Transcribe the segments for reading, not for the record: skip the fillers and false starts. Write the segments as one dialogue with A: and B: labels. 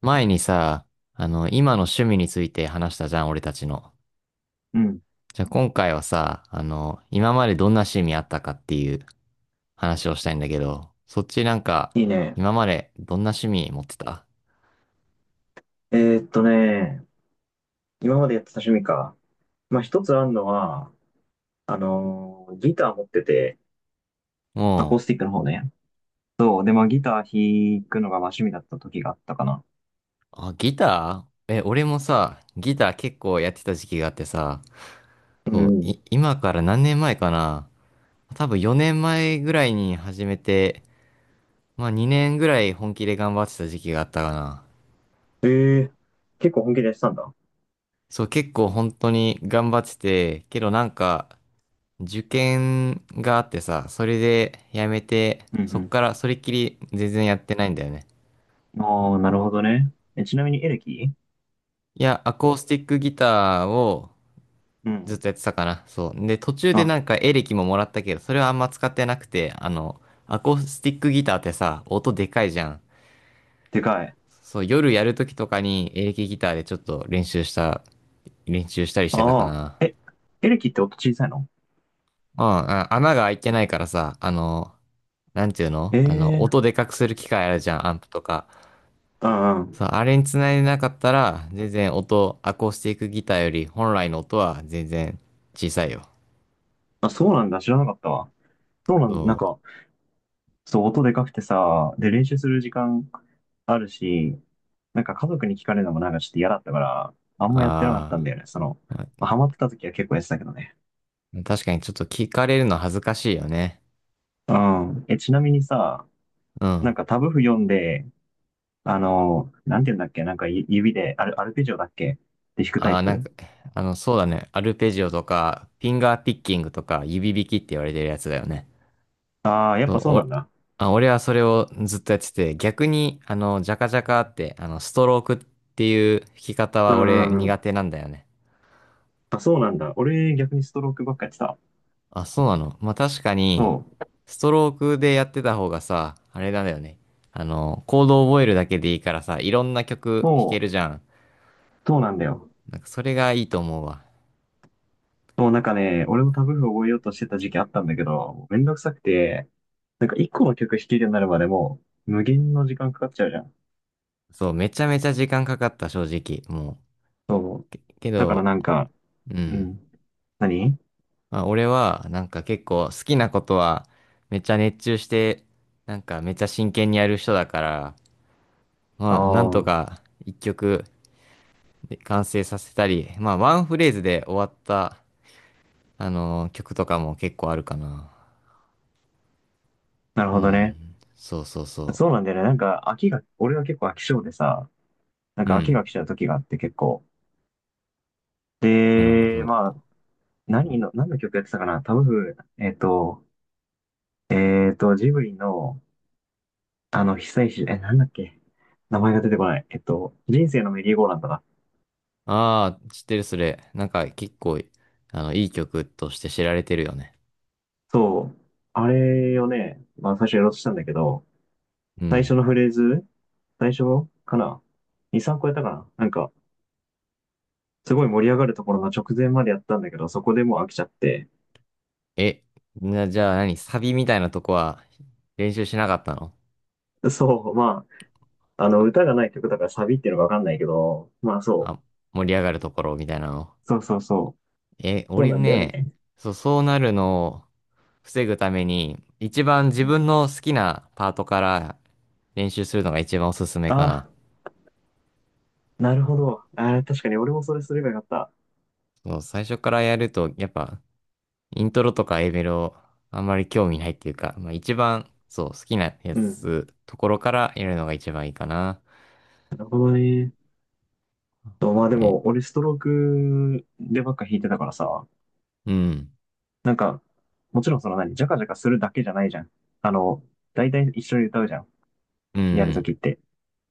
A: 前にさ、今の趣味について話したじゃん、俺たちの。
B: うん。
A: じゃあ今回はさ、今までどんな趣味あったかっていう話をしたいんだけど、そっちなんか、
B: いいね。
A: 今までどんな趣味持ってた？
B: えーっとね、今までやってた趣味か。まあ、一つあるのは、ギター持ってて、アコー
A: もう、
B: スティックの方ね。そう。で、まあ、ギター弾くのがまあ趣味だった時があったかな。
A: あ、ギター。俺もさ、ギター結構やってた時期があってさ、
B: う
A: そう、
B: ん。
A: 今から何年前かな？多分4年前ぐらいに始めて、まあ2年ぐらい本気で頑張ってた時期があったかな。
B: えー、結構本気でやってたんだ。
A: そう、結構本当に頑張ってて、けどなんか、受験があってさ、それでやめて、
B: う
A: そっ
B: ん
A: からそれっきり全然やってないんだよね。
B: うん。ああ、なるほどね。え、ちなみにエレキ。
A: いや、アコースティックギターを
B: う
A: ずっ
B: ん。
A: とやってたかな。そう。で、途中で
B: あ、
A: なんかエレキももらったけど、それはあんま使ってなくて、アコースティックギターってさ、音でかいじゃん。
B: でかい。
A: そう、夜やるときとかにエレキギターでちょっと練習したりしてたか
B: ああ。
A: な。
B: え、エレキって音小さいの？
A: うん、あ穴が開いてないからさ、なんていうの、
B: え
A: 音
B: え
A: でかくする機械あるじゃん、アンプとか。
B: ー。
A: そう、
B: あ
A: あれにつないでなかったら、全然音、アコースティックギターより本来の音は全然小さいよ。
B: あ、あ、そうなんだ。知らなかったわ。そうなん、なん
A: そう。
B: か、そう、音でかくてさ、で、練習する時間あるし、なんか家族に聞かれるのもなんかちょっと嫌だったから、あんまやってなかったんだ
A: あ
B: よね。その、
A: ー、ま
B: まあハマってた時は結構やってたけどね。
A: あ、確かにちょっと聞かれるの恥ずかしいよね。
B: うん。え、ちなみにさ、
A: う
B: な
A: ん。
B: んかタブ譜読んで、なんて言うんだっけ、なんか指でアルペジオだっけで弾くタ
A: あ
B: イ
A: あ、なん
B: プ？
A: か、そうだね。アルペジオとか、フィンガーピッキングとか、指弾きって言われてるやつだよね。
B: ああー、やっ
A: そう、
B: ぱそうなんだ。
A: あ、俺はそれをずっとやってて、逆に、ジャカジャカって、ストロークっていう弾き方
B: う
A: は
B: ん
A: 俺
B: うんう
A: 苦
B: ん。
A: 手なんだよね。
B: あ、そうなんだ。俺逆にストロークばっかやってた。
A: あ、そうなの。まあ、確かに、
B: そう。
A: ストロークでやってた方がさ、あれなんだよね。コードを覚えるだけでいいからさ、いろんな曲弾け
B: そう、
A: るじゃん。
B: そうなんだよ。
A: なんかそれがいいと思うわ。
B: もうなんかね、俺もタブ譜覚えようとしてた時期あったんだけど、もうめんどくさくて、なんか一個の曲弾けるようになるまでもう無限の時間かかっちゃうじゃん。
A: そう、めちゃめちゃ時間かかった、正直。も
B: そう。
A: う。け
B: だから
A: ど、
B: なんか、
A: う
B: う
A: ん。
B: ん。何。
A: まあ、俺は、なんか結構好きなことは、めっちゃ熱中して、なんかめっちゃ真剣にやる人だから、
B: あ
A: まあ、なん
B: あ
A: と
B: ー、
A: か一曲で完成させたり、まあ、ワンフレーズで終わった、曲とかも結構あるかな。
B: なる
A: う
B: ほどね。
A: ん。そうそうそ
B: そうなんだよね。なんか俺は結構飽き性でさ、なん
A: う。う
B: か飽き
A: ん。
B: が来ちゃう時があって結構。
A: なるほ
B: で、ま
A: ど。
B: あ、何の曲やってたかなタブ譜、ジブリの、久石、なんだっけ？名前が出てこない。人生のメリーゴーランドだ。
A: ああ、知ってるそれ。なんか結構、いい曲として知られてるよね。
B: そう。あれをね、まあ最初やろうとしたんだけど、
A: う
B: 最初
A: ん。
B: のフレーズ、最初かな？ 2、3個やったかななんか、すごい盛り上がるところの直前までやったんだけど、そこでもう飽きちゃって。
A: え、じゃあ何サビみたいなとこは練習しなかったの？
B: そう、まあ、歌がない曲だからサビっていうのがわかんないけど、まあそう。
A: あ、盛り上がるところみたいなの。
B: そうそうそう。そう
A: 俺
B: なんだよ
A: ね、
B: ね。
A: そう、そうなるのを防ぐために、一番自
B: うん、
A: 分の好きなパートから練習するのが一番おすすめか
B: あ
A: な。
B: なるほど。ああ、確かに俺もそれすればよかった。
A: そう、最初からやると、やっぱ、イントロとか A メロ、あんまり興味ないっていうか、まあ一番、そう、好きなや
B: うん。
A: つ、ところからやるのが一番いいかな。
B: なるほどね。とまあで
A: え、
B: も、俺ストロークでばっか弾いてたからさ、
A: うん、
B: なんか、もちろんその何、ジャカジャカするだけじゃないじゃん。あの、大体一緒に歌うじゃん。
A: う
B: やると
A: ん。
B: きって。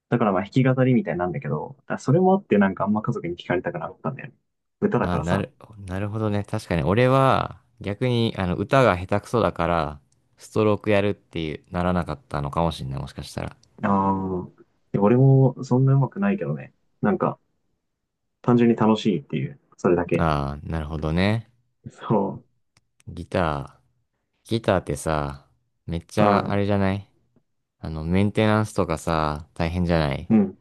B: だからまあ弾き語りみたいなんだけど、だからそれもあってなんかあんま家族に聞かれたくなかったんだよね。歌だか
A: あ、
B: らさ。
A: なるほどね。確かに、俺は逆にあの歌が下手くそだから、ストロークやるっていうならなかったのかもしれない、もしかしたら。
B: ああ、で俺もそんな上手くないけどね。なんか、単純に楽しいっていう、それだけ。
A: ああ、なるほどね。
B: そ
A: ギター。ギターってさ、めっち
B: う。う
A: ゃあ
B: ん。
A: れじゃない？メンテナンスとかさ、大変じゃない？
B: うん。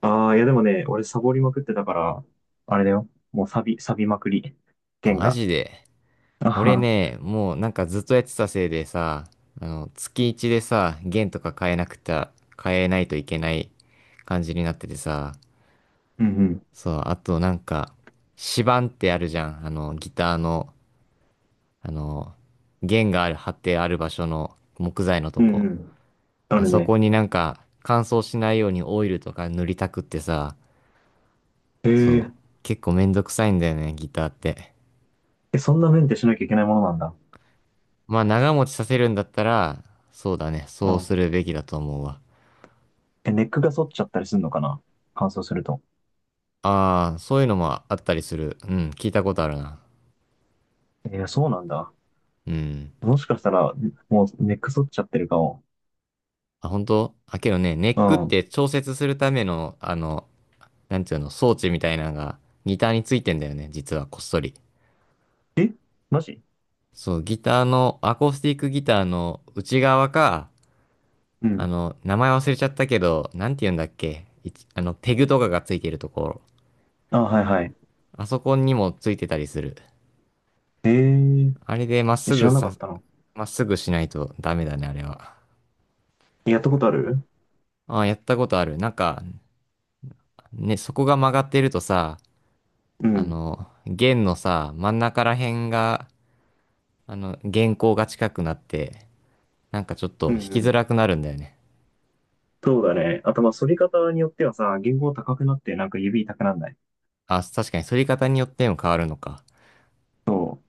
B: ああ、いやでもね、俺サボりまくってたから、あれだよ。もうサビ、サビまくり。
A: あ、
B: 弦
A: マ
B: が。
A: ジで。
B: あ
A: 俺
B: は。
A: ね、もうなんかずっとやってたせいでさ、月一でさ、弦とか変えなくて、変えないといけない感じになっててさ、
B: うんうん。
A: そう、あとなんか、指板ってあるじゃん。ギターの、あの、弦がある、張ってある場所の木材のと
B: うん
A: こ。
B: うん。あ
A: あ
B: る
A: そ
B: ね。
A: こになんか、乾燥しないようにオイルとか塗りたくってさ、
B: へ
A: そ
B: え。
A: う、結構めんどくさいんだよね、ギターって。
B: え、そんなメンテしなきゃいけないものなんだ。
A: まあ、長持ちさせるんだったら、そうだね、
B: う
A: そうす
B: ん。
A: るべきだと思うわ。
B: え、ネックが反っちゃったりするのかな？乾燥すると。
A: ああ、そういうのもあったりする。うん、聞いたことあるな。
B: えーそうなんだ。
A: うん。
B: もしかしたら、もうネック反っちゃってるかも。
A: あ、本当。あ、けどね、ネ
B: う
A: ックっ
B: ん。
A: て調節するための、なんていうの、装置みたいなのがギターについてんだよね、実はこっそり。
B: えマジ？
A: そう、ギターの、アコースティックギターの内側か、
B: うん。
A: 名前忘れちゃったけど、なんて言うんだっけ、ペグとかがついてるところ。
B: あ、はいはい。
A: あそこにもついてたりする。
B: えー、
A: あれでまっ
B: え
A: す
B: 知
A: ぐ
B: らなか
A: さ、
B: ったの？
A: まっすぐしないとダメだね、あれは。
B: やったことある？
A: ああ、やったことある。なんか、ね、そこが曲がってるとさ、
B: うん。
A: 弦のさ、真ん中ら辺が、弦高が近くなって、なんかちょっと
B: うん
A: 弾
B: う
A: きづ
B: ん。
A: らくなるんだよね。
B: そうだね。あと、まあ、反り方によってはさ、弦高高くなって、なんか指痛くなんない？
A: あ、確かに、反り方によっても変わるのか。
B: そう。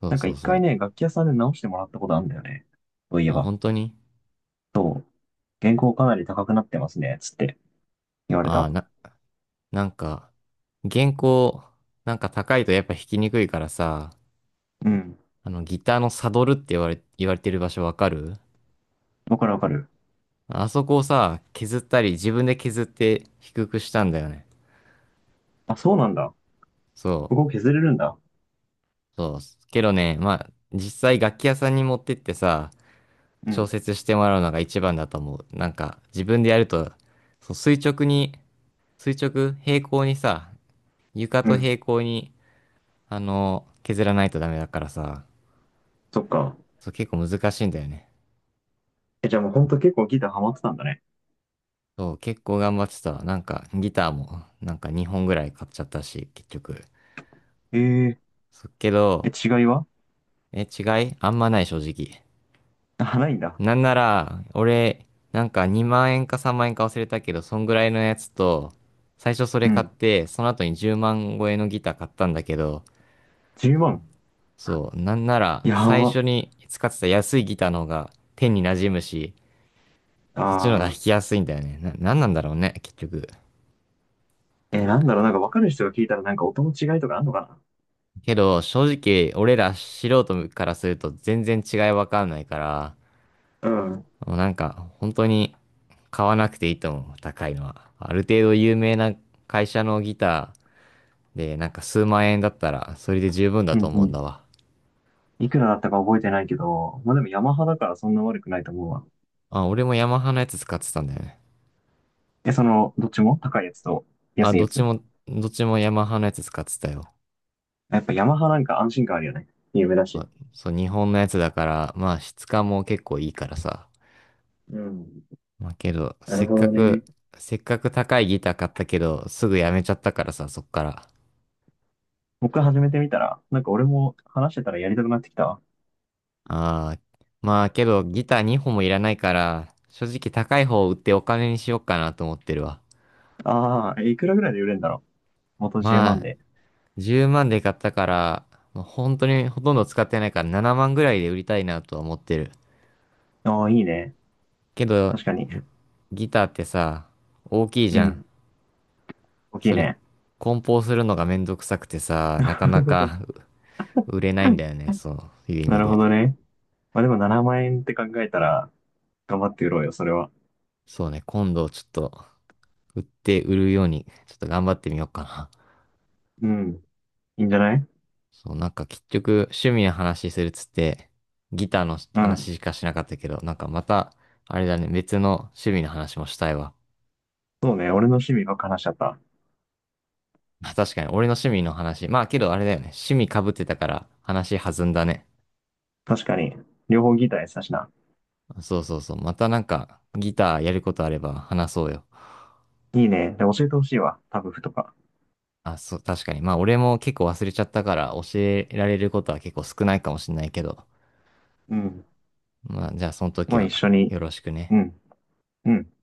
A: そう
B: なんか
A: そう
B: 一
A: そ
B: 回
A: う。
B: ね、楽器屋さんで直してもらったことあるんだよね。そういえ
A: あ、
B: ば。
A: 本当に。
B: そう。原稿かなり高くなってますね、つって言われ
A: あ、
B: た。
A: な、なんか、原稿、なんか高いとやっぱ弾きにくいからさ、
B: うん。
A: ギターのサドルって言われてる場所わかる？
B: わかるわかる。
A: あそこをさ、削ったり、自分で削って低くしたんだよね。
B: あ、そうなんだ。
A: そ
B: ここ削れるんだ。
A: う、そう。けどね、まあ、実際楽器屋さんに持ってってさ、
B: う
A: 調
B: ん。
A: 節してもらうのが一番だと思う。なんか、自分でやると、そう、垂直に、垂直、平行にさ、床
B: う
A: と
B: ん。
A: 平行に、削らないとダメだからさ、
B: そっか。
A: そう、結構難しいんだよね。
B: え、じゃあもうほんと結構ギターハマってたんだね。
A: そう、結構頑張ってた。なんか、ギターも、なんか2本ぐらい買っちゃったし、結局。
B: ええ。
A: そっけ
B: え、
A: ど、
B: 違いは？
A: 違いあんまない、正直。
B: あ、ないんだ。
A: なんなら、俺、なんか2万円か3万円か忘れたけど、そんぐらいのやつと、最初そ
B: う
A: れ買っ
B: ん。
A: て、その後に10万超えのギター買ったんだけど、
B: 10万。
A: そう、なんなら、
B: や
A: 最
B: ば。
A: 初に使ってた安いギターの方が手に馴染むし、そっちの方が
B: あ
A: 弾きやすいんだよね。なんなんだろうね、結局。
B: ー。え、なんだろう、なんかわかる人が聞いたらなんか音の違いとかあんのか
A: けど、正直、俺ら素人からすると全然違いわかんないから、
B: な？うん。
A: もうなんか、本当に買わなくていいと思う、高いのは。ある程度有名な会社のギターで、なんか数万円だったら、それで十分
B: う
A: だと
B: んう
A: 思うん
B: ん。
A: だわ。
B: いくらだったか覚えてないけど、まあでもヤマハだからそんな悪くないと思うわ。
A: あ、俺もヤマハのやつ使ってたんだよね。
B: え、その、どっちも高いやつと
A: あ、
B: 安いやつ？
A: どっちもヤマハのやつ使ってたよ。
B: やっぱヤマハなんか安心感あるよね。有名だし。
A: そう、日本のやつだから、まあ質感も結構いいからさ。
B: うん。
A: まあけど、
B: なるほどね。
A: せっかく高いギター買ったけど、すぐやめちゃったからさ、そっから。
B: 僕始めてみたら、なんか俺も話してたらやりたくなってきたわ。
A: ああ、まあけど、ギター2本もいらないから、正直高い方を売ってお金にしようかなと思ってるわ。
B: ああ、いくらぐらいで売れるんだろう。元10
A: ま
B: 万
A: あ、
B: で。
A: 10万で買ったから、まあ本当にほとんど使ってないから7万ぐらいで売りたいなとは思ってる。
B: ああ、いいね。
A: けど、
B: 確かに。
A: ギターってさ、大きい
B: う
A: じゃん。
B: ん。大きい
A: それ、
B: ね。
A: 梱包するのがめんどくさくてさ、なかなか う売れないんだよね、そういう意
B: な
A: 味
B: るほど
A: で。
B: ね。まあでも7万円って考えたら、頑張って売ろうよ、それは。
A: そうね、今度ちょっと売って売るように、ちょっと頑張ってみようかな。
B: うん。いいんじゃない？
A: そう、なんか結局趣味の話するっつって、ギターの
B: うん。
A: 話しかしなかったけど、なんかまた、あれだね、別の趣味の話もしたいわ。
B: そうね。俺の趣味ばっか話しちゃった。
A: あ確かに、俺の趣味の話。まあけどあれだよね、趣味被ってたから話弾んだね。
B: 確かに。両方ギターやってたしな。
A: そうそうそう、またなんかギターやることあれば話そうよ。
B: いいね。で、教えてほしいわ。タブ譜とか。
A: あ、そう、確かに。まあ俺も結構忘れちゃったから教えられることは結構少ないかもしれないけど、
B: うん。
A: まあじゃあその時
B: まあ一
A: は
B: 緒に。
A: よろしく
B: う
A: ね。
B: ん。うん。